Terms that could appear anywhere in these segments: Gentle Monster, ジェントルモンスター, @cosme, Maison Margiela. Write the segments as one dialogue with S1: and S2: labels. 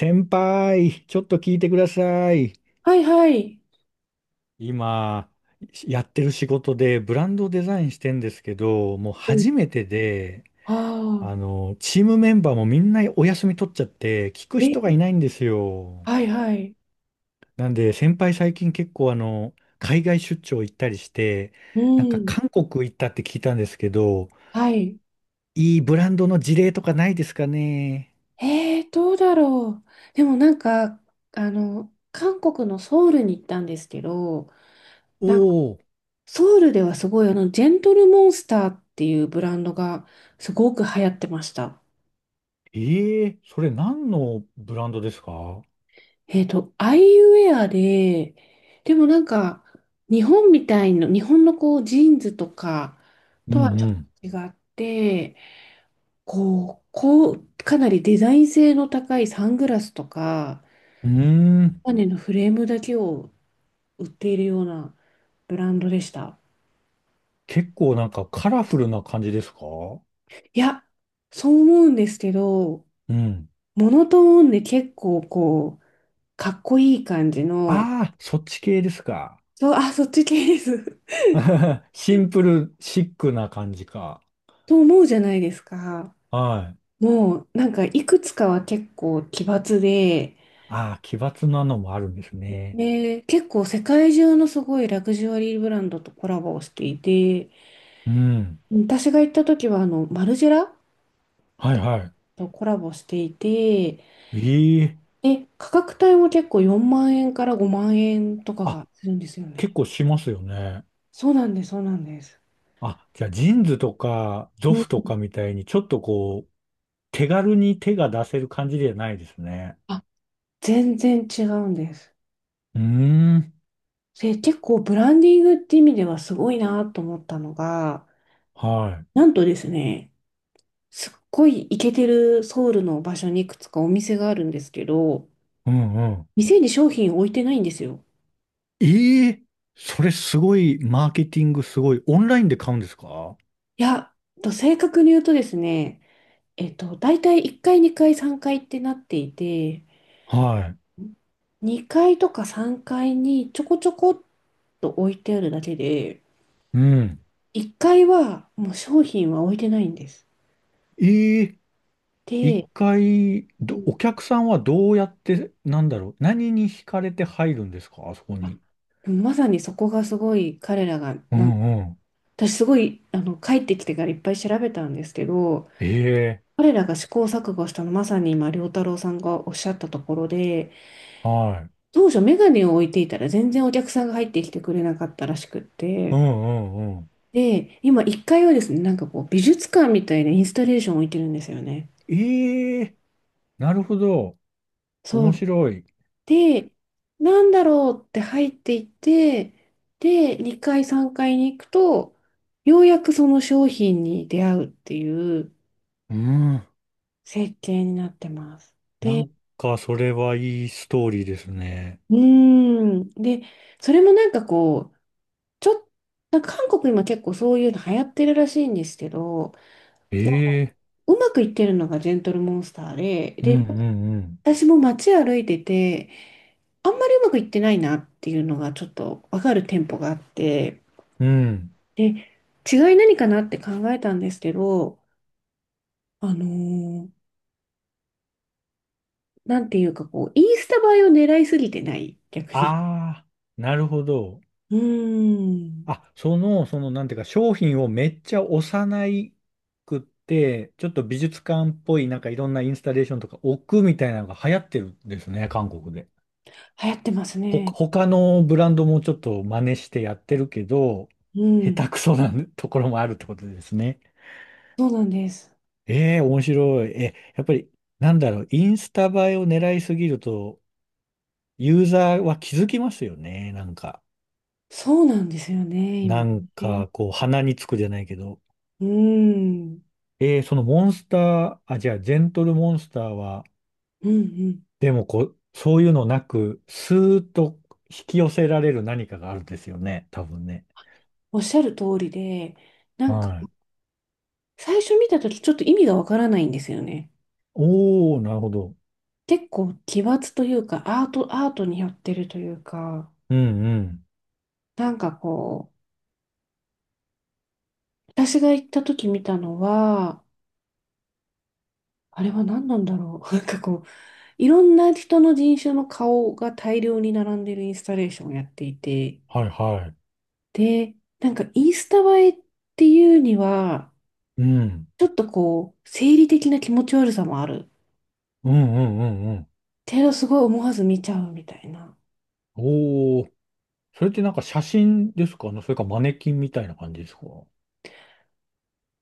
S1: 先輩、ちょっと聞いてください。
S2: はいはい。
S1: 今、やってる仕事でブランドをデザインしてんですけど、もう
S2: うん。
S1: 初めてで、
S2: あ
S1: チームメンバーもみんなお休み取っちゃって、聞く
S2: あ、え、
S1: 人がいないんですよ。
S2: はいはい。
S1: なんで、先輩最近結構海外出張行ったりして、
S2: う
S1: なんか
S2: ん、
S1: 韓国行ったって聞いたんですけど、
S2: はい。
S1: いいブランドの事例とかないですかね。
S2: どうだろう。でもなんか、韓国のソウルに行ったんですけど、
S1: お
S2: なんか
S1: お、
S2: ソウルではすごい、ジェントルモンスターっていうブランドがすごく流行ってました。
S1: ええ、それ何のブランドですか？
S2: アイウェアで、でもなんか、日本みたいな、日本のこう、ジーンズとか
S1: う
S2: とは
S1: ん
S2: ち
S1: う
S2: ょっ
S1: ん。
S2: と違って、こう、かなりデザイン性の高いサングラスとか、
S1: うーん。
S2: マネのフレームだけを売っているようなブランドでした。
S1: 結構なんかカラフルな感じですか？
S2: いや、そう思うんですけど、
S1: うん。
S2: モノトーンで結構こう、かっこいい感じの、
S1: ああ、そっち系ですか。
S2: そう、あ、そっち系です。
S1: シンプル、シックな感じか。
S2: と思うじゃないですか。
S1: はい。
S2: もう、なんかいくつかは結構奇抜で、
S1: ああ、奇抜なのもあるんですね。
S2: で、結構世界中のすごいラグジュアリーブランドとコラボをしていて、
S1: うん。
S2: 私が行った時はマルジェラ
S1: はいは
S2: とコラボしていて、
S1: い。ええ。
S2: で、価格帯も結構4万円から5万円とかが
S1: あ、
S2: するんですよ
S1: 結
S2: ね。
S1: 構しますよね。
S2: そうなんです、そうなんです。
S1: あ、じゃあジーンズとかゾ
S2: うん、
S1: フとかみたいにちょっとこう、手軽に手が出せる感じではないですね。
S2: あ、全然違うんです。
S1: うーん。
S2: で、結構ブランディングって意味ではすごいなと思ったのが、
S1: は
S2: なんとですね、すっごいイケてるソウルの場所にいくつかお店があるんですけど、
S1: い。うん。
S2: 店に商品置いてないんですよ。
S1: ええ、それすごい、マーケティングすごい。オンラインで買うんですか？
S2: いや、と正確に言うとですね、大体1階、2階、3階ってなっていて、
S1: は
S2: 2階とか3階にちょこちょこっと置いてあるだけで、
S1: い。うん。
S2: 1階はもう商品は置いてないんです。
S1: ええ、一
S2: で、
S1: 回、
S2: うん、
S1: お客さんはどうやって、なんだろう、何に惹かれて入るんですか、あそこ
S2: あ、
S1: に？
S2: でもまさにそこがすごい彼らが、
S1: う
S2: なん
S1: ん
S2: か、
S1: うん。
S2: 私すごい、帰ってきてからいっぱい調べたんですけど、
S1: ええ、
S2: 彼らが試行錯誤したのまさに今、良太郎さんがおっしゃったところで、
S1: はい。
S2: 当初メガネを置いていたら全然お客さんが入ってきてくれなかったらしくっ
S1: う
S2: て、
S1: んうんうん。
S2: で、今1階はですね、なんかこう美術館みたいなインスタレーションを置いてるんですよね。
S1: ええ、なるほど。
S2: そ
S1: 面
S2: う。
S1: 白い。
S2: で、なんだろうって入っていって、で、2階、3階に行くと、ようやくその商品に出会うっていう
S1: うん。
S2: 設計になってます。
S1: な
S2: で、
S1: んか、それはいいストーリーですね。
S2: うーん。で、それもなんかこう、ちょっなんか韓国今結構そういうの流行ってるらしいんですけど、なんか
S1: ええ、
S2: うまくいってるのがジェントルモンスターで、
S1: う
S2: で、
S1: んうんうん。
S2: 私も街歩いてて、あんまりうまくいってないなっていうのがちょっとわかる店舗があって、
S1: うん。
S2: で、違い何かなって考えたんですけど、あのーなんていうかこう、インスタ映えを狙いすぎてない、逆に。
S1: ああ、なるほど。
S2: うーん。
S1: あ、なんていうか、商品をめっちゃ幼くって、ちょっと美術館っぽい、なんかいろんなインスタレーションとか置くみたいなのが流行ってるんですね、韓国で。
S2: 流行ってますね。
S1: 他のブランドもちょっと真似してやってるけど、
S2: う
S1: 下
S2: ん。
S1: 手くそなところもあるってことですね。
S2: そうなんです。
S1: ええ、面白い。やっぱり、なんだろう、インスタ映えを狙いすぎると、ユーザーは気づきますよね、なんか。
S2: そうなんですよね、今
S1: なん
S2: ね。
S1: か、こう、鼻につくじゃないけど。
S2: うーん。
S1: そのモンスター、あ、じゃあ、ジェントルモンスターは、
S2: うんうん。
S1: でもこう、そういうのなく、スーッと引き寄せられる何かがあるんですよね、多分ね。
S2: おっしゃる通りで、なんか、
S1: はい。
S2: 最初見たときちょっと意味がわからないんですよね。
S1: おー、なるほど。
S2: 結構奇抜というか、アートに寄ってるというか、
S1: うんうん。
S2: なんかこう、私が行った時見たのは、あれは何なんだろう。なんかこう、いろんな人の人種の顔が大量に並んでるインスタレーションをやっていて、
S1: はいはい。
S2: で、なんかインスタ映えっていうには、
S1: うん。
S2: ちょっとこう、生理的な気持ち悪さもある。
S1: うんうんうんうん。
S2: けどすごい思わず見ちゃうみたいな。
S1: おー、それってなんか写真ですかね、それかマネキンみたいな感じですか？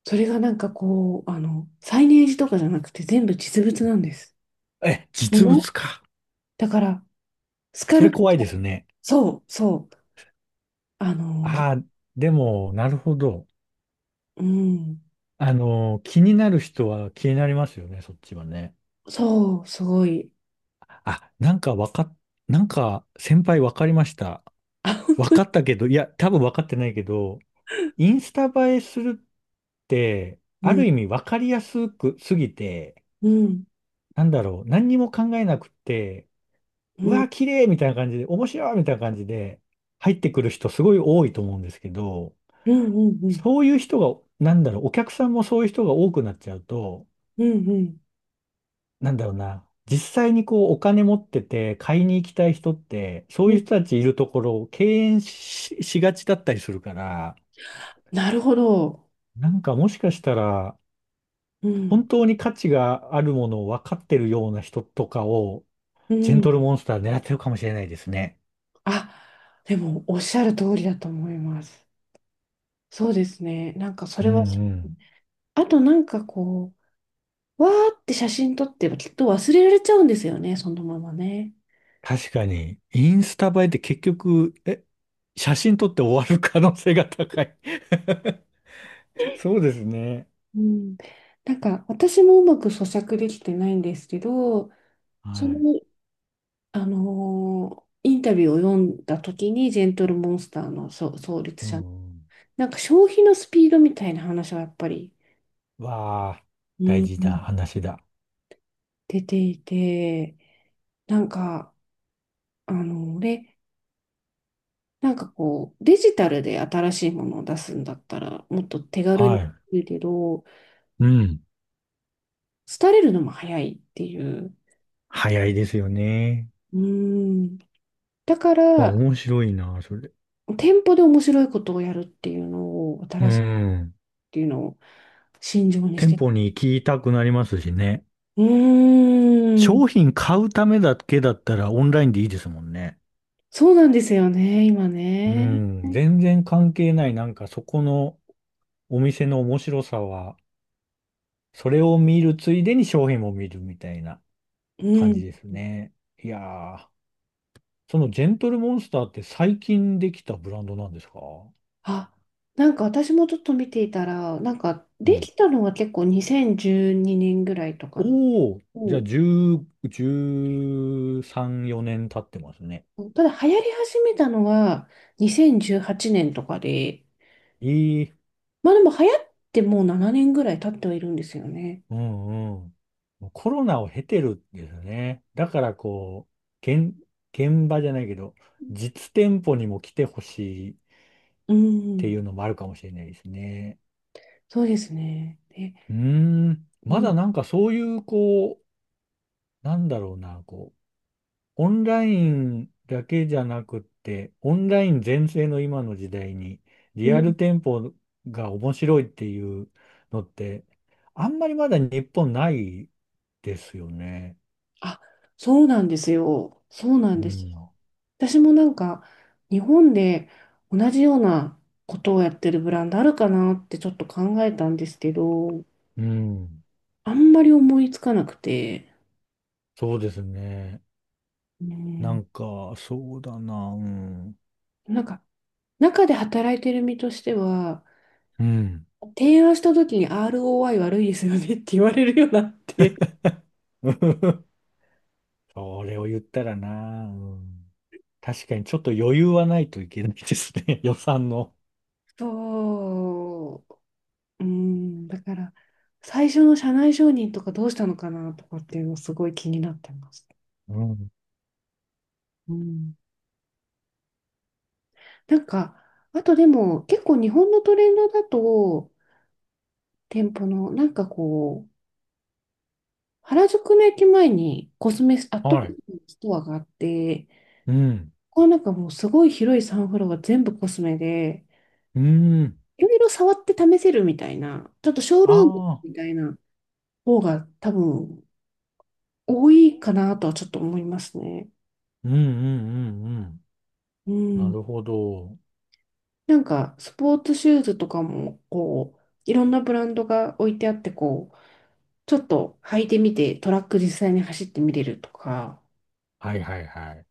S2: それがなんかこう、サイネージとかじゃなくて全部実物なんです。
S1: え、
S2: も
S1: 実
S2: の
S1: 物か。
S2: だから、スカ
S1: そ
S2: ル
S1: れ
S2: プ
S1: 怖
S2: チ
S1: い
S2: ャ
S1: で
S2: ー、
S1: すね。
S2: そう、そう、あの、
S1: ああ、でも、なるほど。
S2: うん、
S1: 気になる人は気になりますよね、そっちはね。
S2: そう、すごい。
S1: あ、なんかわかっ、なんか先輩わかりました。
S2: あ、本
S1: わ
S2: 当
S1: か
S2: に。
S1: ったけど、いや、多分わかってないけど、インスタ映えするって、
S2: う
S1: ある
S2: ん、
S1: 意味わかりやすくすぎて、
S2: うん。
S1: なんだろう、何にも考えなくって、
S2: う
S1: う
S2: ん
S1: わ、綺麗みたいな感じで、面白いみたいな感じで入ってくる人すごい多いと思うんですけど、
S2: うんうんうん
S1: そういう人が、なんだろう、お客さんもそういう人が多くなっちゃうと、
S2: うんうん
S1: なんだろうな、実際にこうお金持ってて買いに行きたい人って、そう
S2: う
S1: い
S2: ん、
S1: う人たちいるところを敬遠しがちだったりするから、
S2: なるほど。
S1: なんかもしかしたら、
S2: う
S1: 本
S2: ん
S1: 当に価値があるものを分かってるような人とかを、
S2: う
S1: ジェン
S2: ん、
S1: トルモンスター狙ってるかもしれないですね。
S2: あ、でもおっしゃる通りだと思います。そうですね。なんかそ
S1: うん
S2: れ
S1: う
S2: は、
S1: ん。
S2: あとなんかこう、わーって写真撮ってきっと忘れられちゃうんですよね、そのままね。
S1: 確かに、インスタ映えって結局、写真撮って終わる可能性が高い そうですね。
S2: うん、なんか私もうまく咀嚼できてないんですけど、
S1: は
S2: その、
S1: い。
S2: インタビューを読んだ時にジェントルモンスターのそう創立
S1: う
S2: 者、
S1: ん
S2: なんか消費のスピードみたいな話はやっぱり。
S1: うん。わあ、
S2: う
S1: 大事な
S2: ん、
S1: 話だ。
S2: 出ていて、なんか、俺、なんかこう、デジタルで新しいものを出すんだったら、もっと手軽
S1: は
S2: にで
S1: い。
S2: きるけど、
S1: うん。
S2: 廃れるのも早いっていう。
S1: 早いですよね。
S2: うーん。だか
S1: わ、
S2: ら、
S1: 面白いな、それ。
S2: 店舗で面白いことをやるっていうのを、
S1: う
S2: 新しいっ
S1: ん。
S2: ていうのを信条にし
S1: 店
S2: て。
S1: 舗に行きたくなりますしね。
S2: うーん。
S1: 商品買うためだけだったらオンラインでいいですもんね。
S2: そうなんですよね、今
S1: う
S2: ね。
S1: ん。全然関係ない。なんかそこのお店の面白さは、それを見るついでに商品も見るみたいな
S2: う
S1: 感
S2: ん。
S1: じですね。いやー、そのジェントルモンスターって最近できたブランドなんですか？
S2: あ、なんか私もちょっと見ていたら、なんか
S1: う
S2: で
S1: ん。
S2: きたのは結構2012年ぐらいとかの。
S1: おお、じゃ
S2: お
S1: あ
S2: う、
S1: 10、13、4年経ってますね。
S2: ただ流行り始めたのは2018年とかで、
S1: いい、
S2: まあでも流行ってもう7年ぐらい経ってはいるんですよね。
S1: うんうん。もうコロナを経てるんですね。だからこう、現場じゃないけど、実店舗にも来てほしいっ
S2: う
S1: てい
S2: ん、
S1: うのもあるかもしれないですね。
S2: そうですね。で、
S1: うーん、
S2: う
S1: ま
S2: ん、
S1: だなんかそういう、こう、なんだろうな、オンラインだけじゃなくって、オンライン全盛の今の時代に、リ
S2: う
S1: ア
S2: ん、
S1: ル店舗が面白いっていうのって、あんまりまだ日本ないですよね。
S2: あ、そうなんですよ。そうな
S1: う
S2: んです
S1: ん。
S2: よ。私もなんか日本で同じようなことをやってるブランドあるかなってちょっと考えたんですけど、
S1: うん。
S2: あんまり思いつかなくて、
S1: そうですね。な
S2: ね
S1: んか、そうだな。うん。
S2: え、なんか、中で働いてる身としては、
S1: うん。
S2: 提案した時に ROI 悪いですよねって言われるようになって。
S1: それを言ったらな。うん。確かにちょっと余裕はないといけないですね。予算の。
S2: そう、うん、だから、最初の社内承認とかどうしたのかなとかっていうのすごい気になってます。
S1: うん。
S2: うん。なんか、あとでも結構日本のトレンドだと、店舗のなんかこう、原宿の駅前にコスメ、アットコ
S1: は
S2: ス
S1: い。
S2: メのストアがあって、
S1: うん。
S2: ここはなんかもうすごい広いサンフロアが全部コスメで、
S1: うん。
S2: いろいろ触って試せるみたいな、ちょっとショールーム
S1: あ
S2: み
S1: あ、
S2: たいな方が多分多いかなとはちょっと思いますね。
S1: うんうんうんうん。
S2: う
S1: な
S2: ん。
S1: るほど。
S2: なんかスポーツシューズとかもこう、いろんなブランドが置いてあってこう、ちょっと履いてみてトラック実際に走ってみれるとか、
S1: はいはいはい。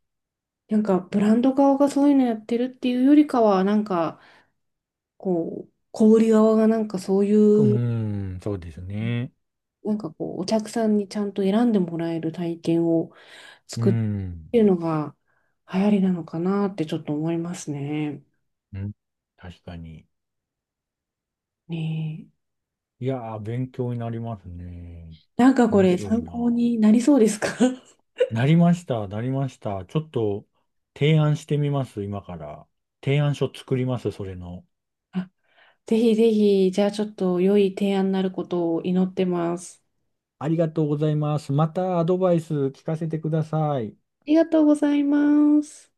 S2: なんかブランド側がそういうのやってるっていうよりかは、なんかこう、小売り側がなんかそうい
S1: う
S2: う、
S1: ん、そうですね。
S2: なんかこう、お客さんにちゃんと選んでもらえる体験を
S1: う
S2: 作ってっ
S1: ん、
S2: ていうのが流行りなのかなってちょっと思いますね。
S1: うん、確かに。
S2: ねえ。
S1: いやー、勉強になりますね。
S2: なんかこ
S1: 面
S2: れ
S1: 白い
S2: 参考
S1: な。
S2: になりそうですか？
S1: なりました、なりました。ちょっと提案してみます、今から。提案書作ります、それの。
S2: あ、ぜひぜひ、じゃあちょっと良い提案になることを祈ってます。
S1: ありがとうございます。またアドバイス聞かせてください。
S2: ありがとうございます。